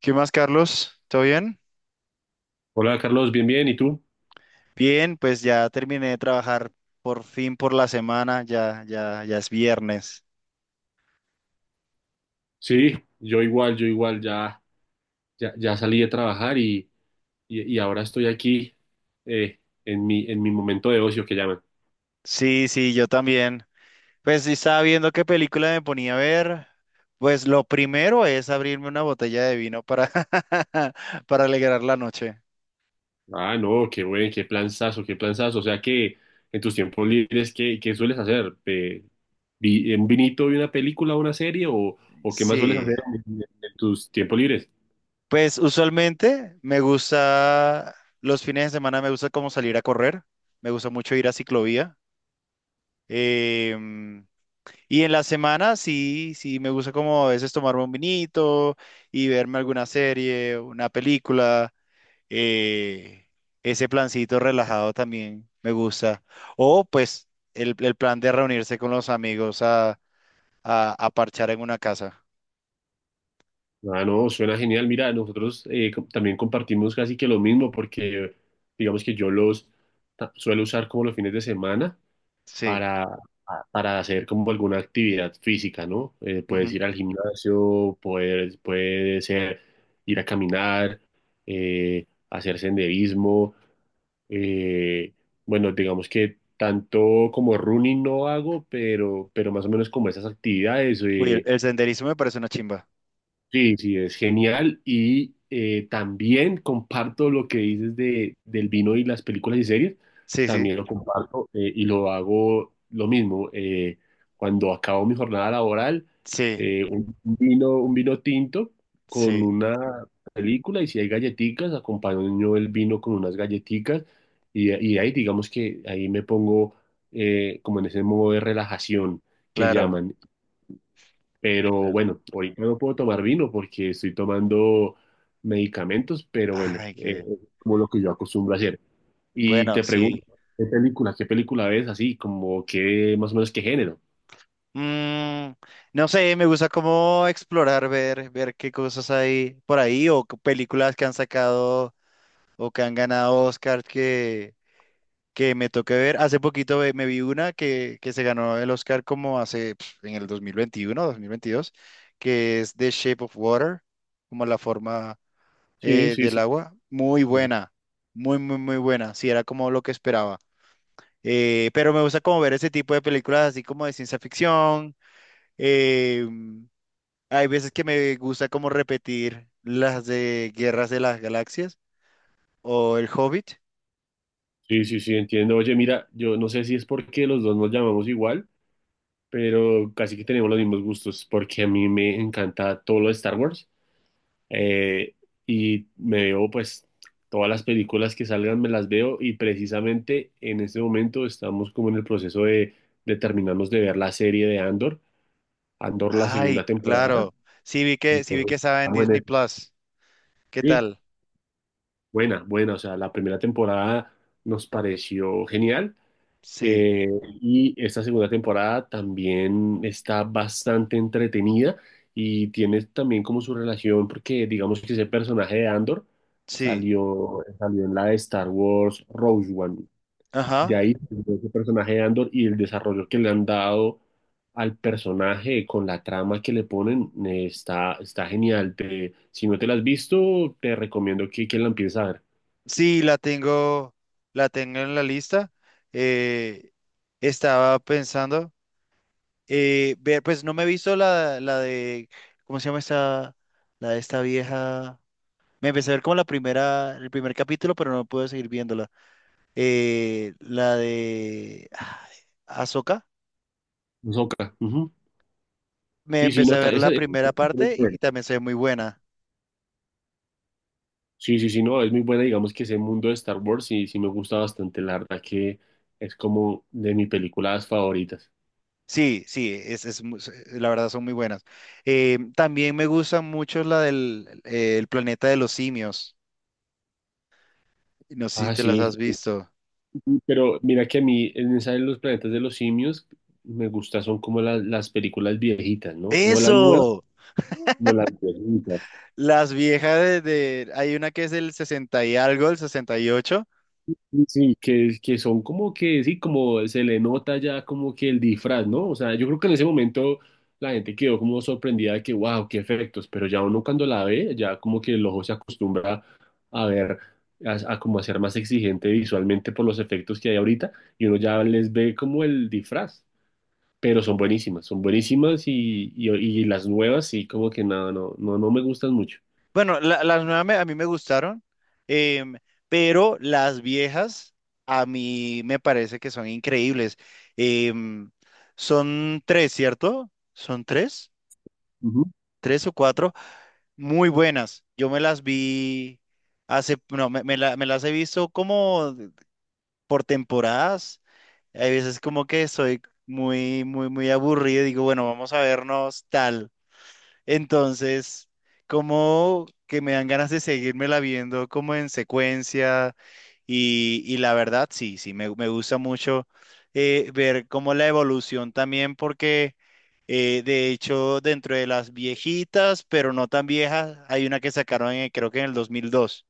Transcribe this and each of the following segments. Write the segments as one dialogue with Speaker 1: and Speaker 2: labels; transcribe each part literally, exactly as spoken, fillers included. Speaker 1: ¿Qué más, Carlos? ¿Todo bien?
Speaker 2: Hola Carlos, bien, bien, ¿y tú?
Speaker 1: Bien, pues ya terminé de trabajar por fin por la semana, ya, ya, ya es viernes.
Speaker 2: Sí, yo igual, yo igual, ya, ya, ya salí de trabajar y, y, y ahora estoy aquí eh, en mi, en mi momento de ocio que llaman.
Speaker 1: Sí, sí, yo también. Pues sí estaba viendo qué película me ponía a ver. Pues lo primero es abrirme una botella de vino para, para alegrar la noche.
Speaker 2: Ah, no, qué buen, qué planzazo, qué planzazo. O sea que en tus tiempos libres, ¿qué, qué sueles hacer? Eh, vi- ¿un vinito y una película, o una serie o, o qué más sueles
Speaker 1: Sí.
Speaker 2: hacer en, en en tus tiempos libres?
Speaker 1: Pues usualmente me gusta, los fines de semana me gusta como salir a correr, me gusta mucho ir a ciclovía. Em, Y en la semana sí, sí, me gusta como a veces tomarme un vinito y verme alguna serie, una película. eh, ese plancito relajado también me gusta. O pues el, el plan de reunirse con los amigos a, a, a parchar en una casa.
Speaker 2: Ah, no, suena genial. Mira, nosotros eh, co- también compartimos casi que lo mismo porque digamos que yo los ta- suelo usar como los fines de semana
Speaker 1: Sí.
Speaker 2: para, para hacer como alguna actividad física, ¿no? Eh, puedes
Speaker 1: ujú.
Speaker 2: ir al gimnasio, puedes, puede ser ir a caminar, eh, hacer senderismo. Eh, bueno, digamos que tanto como running no hago, pero, pero más o menos como esas actividades.
Speaker 1: Uy, el,
Speaker 2: Eh,
Speaker 1: el senderismo me parece una chimba.
Speaker 2: Sí, sí, es genial. Y eh, también comparto lo que dices de, del vino y las películas y series.
Speaker 1: Sí, sí,
Speaker 2: También lo comparto eh, y lo hago lo mismo. Eh, cuando acabo mi jornada laboral,
Speaker 1: sí,
Speaker 2: eh, un vino, un vino tinto con
Speaker 1: sí,
Speaker 2: una película, y si hay galletitas, acompaño el vino con unas galletitas, y, y ahí digamos que ahí me pongo eh, como en ese modo de relajación que
Speaker 1: claro,
Speaker 2: llaman. Pero
Speaker 1: claro.
Speaker 2: bueno, ahorita no puedo tomar vino porque estoy tomando medicamentos, pero bueno,
Speaker 1: Ay,
Speaker 2: eh,
Speaker 1: qué
Speaker 2: es como lo que yo acostumbro a hacer. Y
Speaker 1: bueno,
Speaker 2: te pregunto,
Speaker 1: sí.
Speaker 2: ¿qué película, qué película ves así, como qué, más o menos qué género?
Speaker 1: Mm, no sé, me gusta como explorar, ver, ver qué cosas hay por ahí o qué películas que han sacado o que han ganado Oscar que, que me toque ver. Hace poquito ve- me vi una que, que se ganó el Oscar como hace pf, en el dos dos mil veintiuno, dos mil veintidós, que es The Shape of Water, como la forma
Speaker 2: Sí,
Speaker 1: eh,
Speaker 2: sí,
Speaker 1: del
Speaker 2: sí.
Speaker 1: agua. Muy buena, muy, muy, muy buena. Sí, era como lo que esperaba. Eh, pero me gusta como ver ese tipo de películas así como de ciencia ficción. em, hay veces que me gusta como repetir las de Guerras de las Galaxias o El Hobbit.
Speaker 2: Sí, sí, sí, entiendo. Oye, mira, yo no sé si es porque los dos nos llamamos igual, pero casi que tenemos los mismos gustos, porque a mí me encanta todo lo de Star Wars. Eh, y me veo pues todas las películas que salgan, me las veo, y precisamente en este momento estamos como en el proceso de, de terminarnos de ver la serie de Andor, Andor, la
Speaker 1: Ay,
Speaker 2: segunda temporada.
Speaker 1: claro. Sí vi que, sí vi que
Speaker 2: Entonces,
Speaker 1: estaba en
Speaker 2: estamos en
Speaker 1: Disney
Speaker 2: eso.
Speaker 1: Plus. ¿Qué
Speaker 2: Sí,
Speaker 1: tal?
Speaker 2: buena, buena, o sea, la primera temporada nos pareció genial.
Speaker 1: Sí,
Speaker 2: Eh, y esta segunda temporada también está bastante entretenida y tiene también como su relación, porque digamos que ese personaje de Andor
Speaker 1: sí.
Speaker 2: salió, salió en la de Star Wars Rogue One. De
Speaker 1: Ajá.
Speaker 2: ahí salió ese personaje de Andor, y el desarrollo que le han dado al personaje con la trama que le ponen eh, está, está genial. Te- si no te la has visto, te recomiendo que, que la empieces a ver.
Speaker 1: Sí, la tengo, la tengo en la lista. Eh, estaba pensando, eh, ver, pues no me he visto la, la de, ¿cómo se llama esta? La de esta vieja. Me empecé a ver como la primera, el primer capítulo, pero no pude seguir viéndola. eh, la de Azoka.
Speaker 2: Ahsoka, ujú.
Speaker 1: Me
Speaker 2: Sí, sí,
Speaker 1: empecé
Speaker 2: no,
Speaker 1: a
Speaker 2: está-
Speaker 1: ver la
Speaker 2: esa,
Speaker 1: primera parte y también se ve muy buena.
Speaker 2: sí, sí, sí, no, es muy buena, digamos que ese mundo de Star Wars sí, sí me gusta bastante, la verdad que es como de mis películas favoritas.
Speaker 1: Sí, sí, es, es mu- se- la verdad son muy buenas. Eh, también me gusta mucho la del eh, el planeta de los simios. No sé si
Speaker 2: Ah,
Speaker 1: te las
Speaker 2: sí,
Speaker 1: has
Speaker 2: sí,
Speaker 1: visto.
Speaker 2: sí, pero mira que a mí en esa de los planetas de los simios me gusta, son como las, las películas viejitas, ¿no? No las nuevas,
Speaker 1: ¡Eso!
Speaker 2: no las viejitas.
Speaker 1: Las viejas de, de- hay una que es del sesenta y algo, el sesenta y ocho.
Speaker 2: Sí, que, que son como que, sí, como se le nota ya como que el disfraz, ¿no? O sea, yo creo que en ese momento la gente quedó como sorprendida de que, wow, qué efectos, pero ya uno cuando la ve, ya como que el ojo se acostumbra a ver, a, a como a ser más exigente visualmente por los efectos que hay ahorita, y uno ya les ve como el disfraz, pero son buenísimas, son buenísimas, y, y, y las nuevas sí, como que nada, no, no, no me gustan mucho.
Speaker 1: Bueno, la- las nuevas me- a mí me gustaron, em, pero las viejas a mí me parece que son increíbles. Em, son tres, ¿cierto? ¿Son tres?
Speaker 2: Ujú.
Speaker 1: ¿Tres o cuatro? Muy buenas. Yo me las vi hace, no, me, me la- me las he visto como por temporadas. Hay veces como que soy muy, muy, muy aburrido y digo, bueno, vamos a vernos tal. Entonces, como que me dan ganas de seguírmela viendo como en secuencia y, y la verdad, sí, sí, me, me gusta mucho eh, ver como la evolución también porque eh, de hecho dentro de las viejitas, pero no tan viejas, hay una que sacaron en- creo que en el dos mil dos.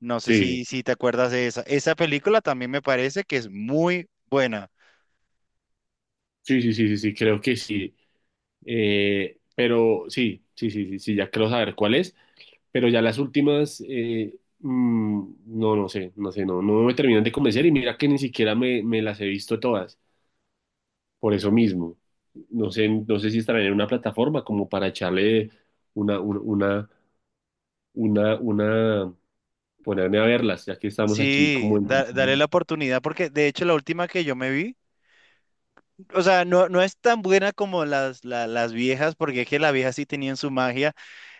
Speaker 1: No sé
Speaker 2: Sí,
Speaker 1: si, si te acuerdas de esa. Esa película también me parece que es muy buena.
Speaker 2: sí, sí, sí, sí, sí, creo que sí. Eh, pero sí, sí, sí, sí, sí, ya quiero saber cuál es. Pero ya las últimas, eh, mm, no, no sé, no sé, no, no me terminan de convencer, y mira que ni siquiera me, me las he visto todas, por eso mismo. No sé, no sé si estará en una plataforma como para echarle una, una, una, una, una- ponerme a verlas, ya que estamos aquí
Speaker 1: Sí,
Speaker 2: como en...
Speaker 1: da- dale la oportunidad porque de hecho la última que yo me vi. O sea, no, no es tan buena como las, la- las viejas, porque es que las viejas sí tenían su magia.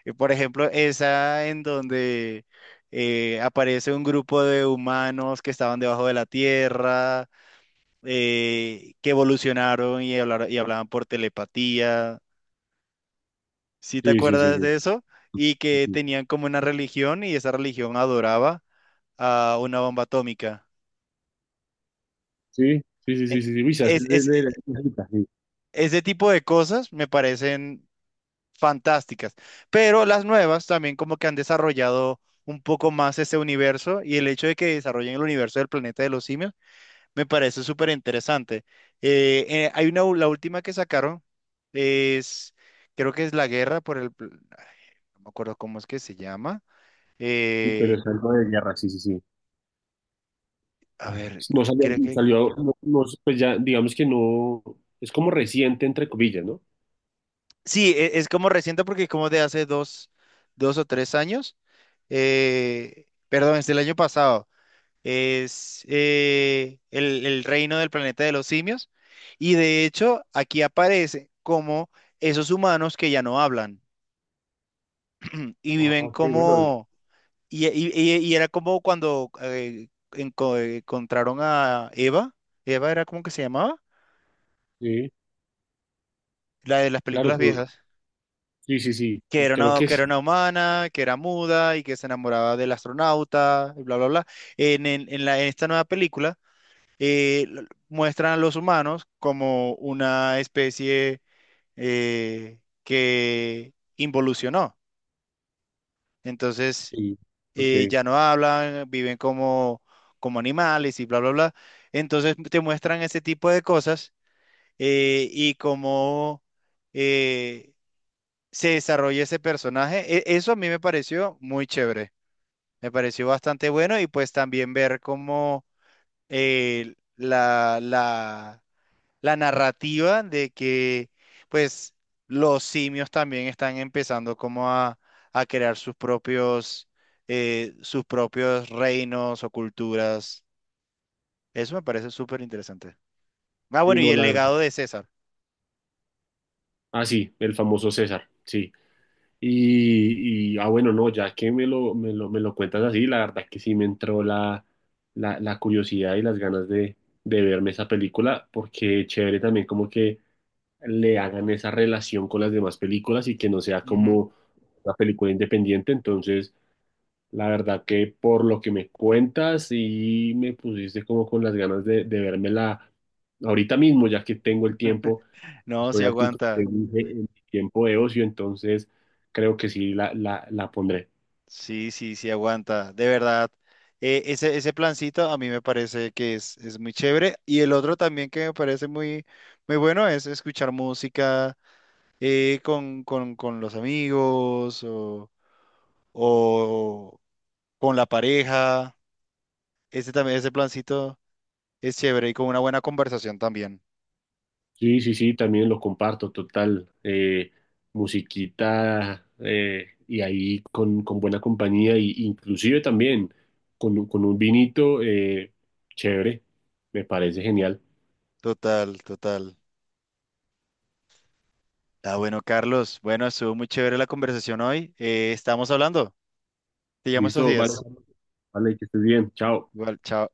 Speaker 1: Eh, Por ejemplo, esa en donde eh, aparece un grupo de humanos que estaban debajo de la tierra, eh, que evolucionaron y hablar- y hablaban por telepatía. ¿Sí te
Speaker 2: Sí, sí, sí,
Speaker 1: acuerdas de eso? Y que
Speaker 2: sí.
Speaker 1: tenían como una religión y esa religión adoraba a una bomba atómica.
Speaker 2: Sí, sí, sí,
Speaker 1: E-
Speaker 2: sí, sí, sí, sí, sí, uy, se hace
Speaker 1: Es,
Speaker 2: de-
Speaker 1: es- e,
Speaker 2: de- de- de- sí,
Speaker 1: ese tipo de cosas me parecen fantásticas, pero las nuevas también como que han desarrollado un poco más ese universo y el hecho de que desarrollen el universo del planeta de los simios me parece súper interesante. Eh, eh, hay una, u- la última que sacaron es, creo que es La Guerra por el, pl- ay, no me acuerdo cómo es que se llama.
Speaker 2: sí, pero
Speaker 1: Eh,
Speaker 2: es algo de guerra, sí, sí, sí.
Speaker 1: a ver,
Speaker 2: No salió,
Speaker 1: creo que,
Speaker 2: salió no- no, pues ya, digamos que no, es como reciente, entre comillas, ¿no?
Speaker 1: sí, e- es, como reciente porque es como de hace dos, dos o tres años. Eh, perdón, es del año pasado. Es eh, el, el reino del planeta de los simios. Y de hecho, aquí aparece como esos humanos que ya no hablan y
Speaker 2: Ah,
Speaker 1: viven
Speaker 2: ok, bueno,
Speaker 1: como... Y, y- y- y era como cuando eh, enco- encontraron a Eva. Eva era como que se llamaba,
Speaker 2: sí,
Speaker 1: la de las películas
Speaker 2: claro,
Speaker 1: viejas.
Speaker 2: sí, sí, sí,
Speaker 1: Que
Speaker 2: sí,
Speaker 1: era
Speaker 2: creo
Speaker 1: una,
Speaker 2: que
Speaker 1: que era
Speaker 2: sí,
Speaker 1: una humana, que era muda y que se enamoraba del astronauta, y bla, bla, bla. En, en- en la, en esta nueva película eh, l- muestran a los humanos como una especie eh, que involucionó. Entonces,
Speaker 2: sí, ok,
Speaker 1: eh, ya no hablan, viven como, como animales y bla, bla, bla. Entonces, te muestran ese tipo de cosas eh, y cómo eh, se desarrolla ese personaje. E- eso a mí me pareció muy chévere. Me pareció bastante bueno y pues también ver cómo eh, la, la, la narrativa de que pues los simios también están empezando como a, a crear sus propios eh, sus propios reinos o culturas. Eso me parece súper interesante. Ah,
Speaker 2: sí,
Speaker 1: bueno, y
Speaker 2: no,
Speaker 1: el
Speaker 2: la verdad.
Speaker 1: legado de César.
Speaker 2: Ah, sí, el famoso César, sí. Y, y, ah, bueno, no, ya que me lo, me lo, me lo cuentas así, la verdad que sí me entró la, la, la curiosidad y las ganas de, de verme esa película, porque chévere también como que le hagan esa relación con las demás películas y que no sea
Speaker 1: Ujú.
Speaker 2: como una película independiente. Entonces, la verdad que por lo que me cuentas y me pusiste como con las ganas de, de vérmela ahorita mismo, ya que tengo el tiempo,
Speaker 1: No, sí
Speaker 2: estoy aquí, como te
Speaker 1: aguanta.
Speaker 2: dije, en mi tiempo de ocio, entonces creo que sí la, la, la pondré.
Speaker 1: Sí, sí, sí aguanta. De verdad. Eh, ese, ese plancito a mí me parece que es, es muy chévere. Y el otro también que me parece muy, muy bueno es escuchar música eh, con, con, con los amigos o, o con la pareja. Ese también, ese plancito es chévere y con una buena conversación también.
Speaker 2: Sí, sí, sí, también lo comparto, total. Eh, musiquita, eh, y ahí con, con buena compañía, y, inclusive también con, un- con un vinito, eh, chévere, me parece genial.
Speaker 1: Total, total. Ah, bueno, Carlos, bueno, estuvo muy chévere la conversación hoy. Eh, estamos hablando. Te llamo estos
Speaker 2: Listo, vale,
Speaker 1: días.
Speaker 2: vale, que estés bien, chao.
Speaker 1: Igual, chao.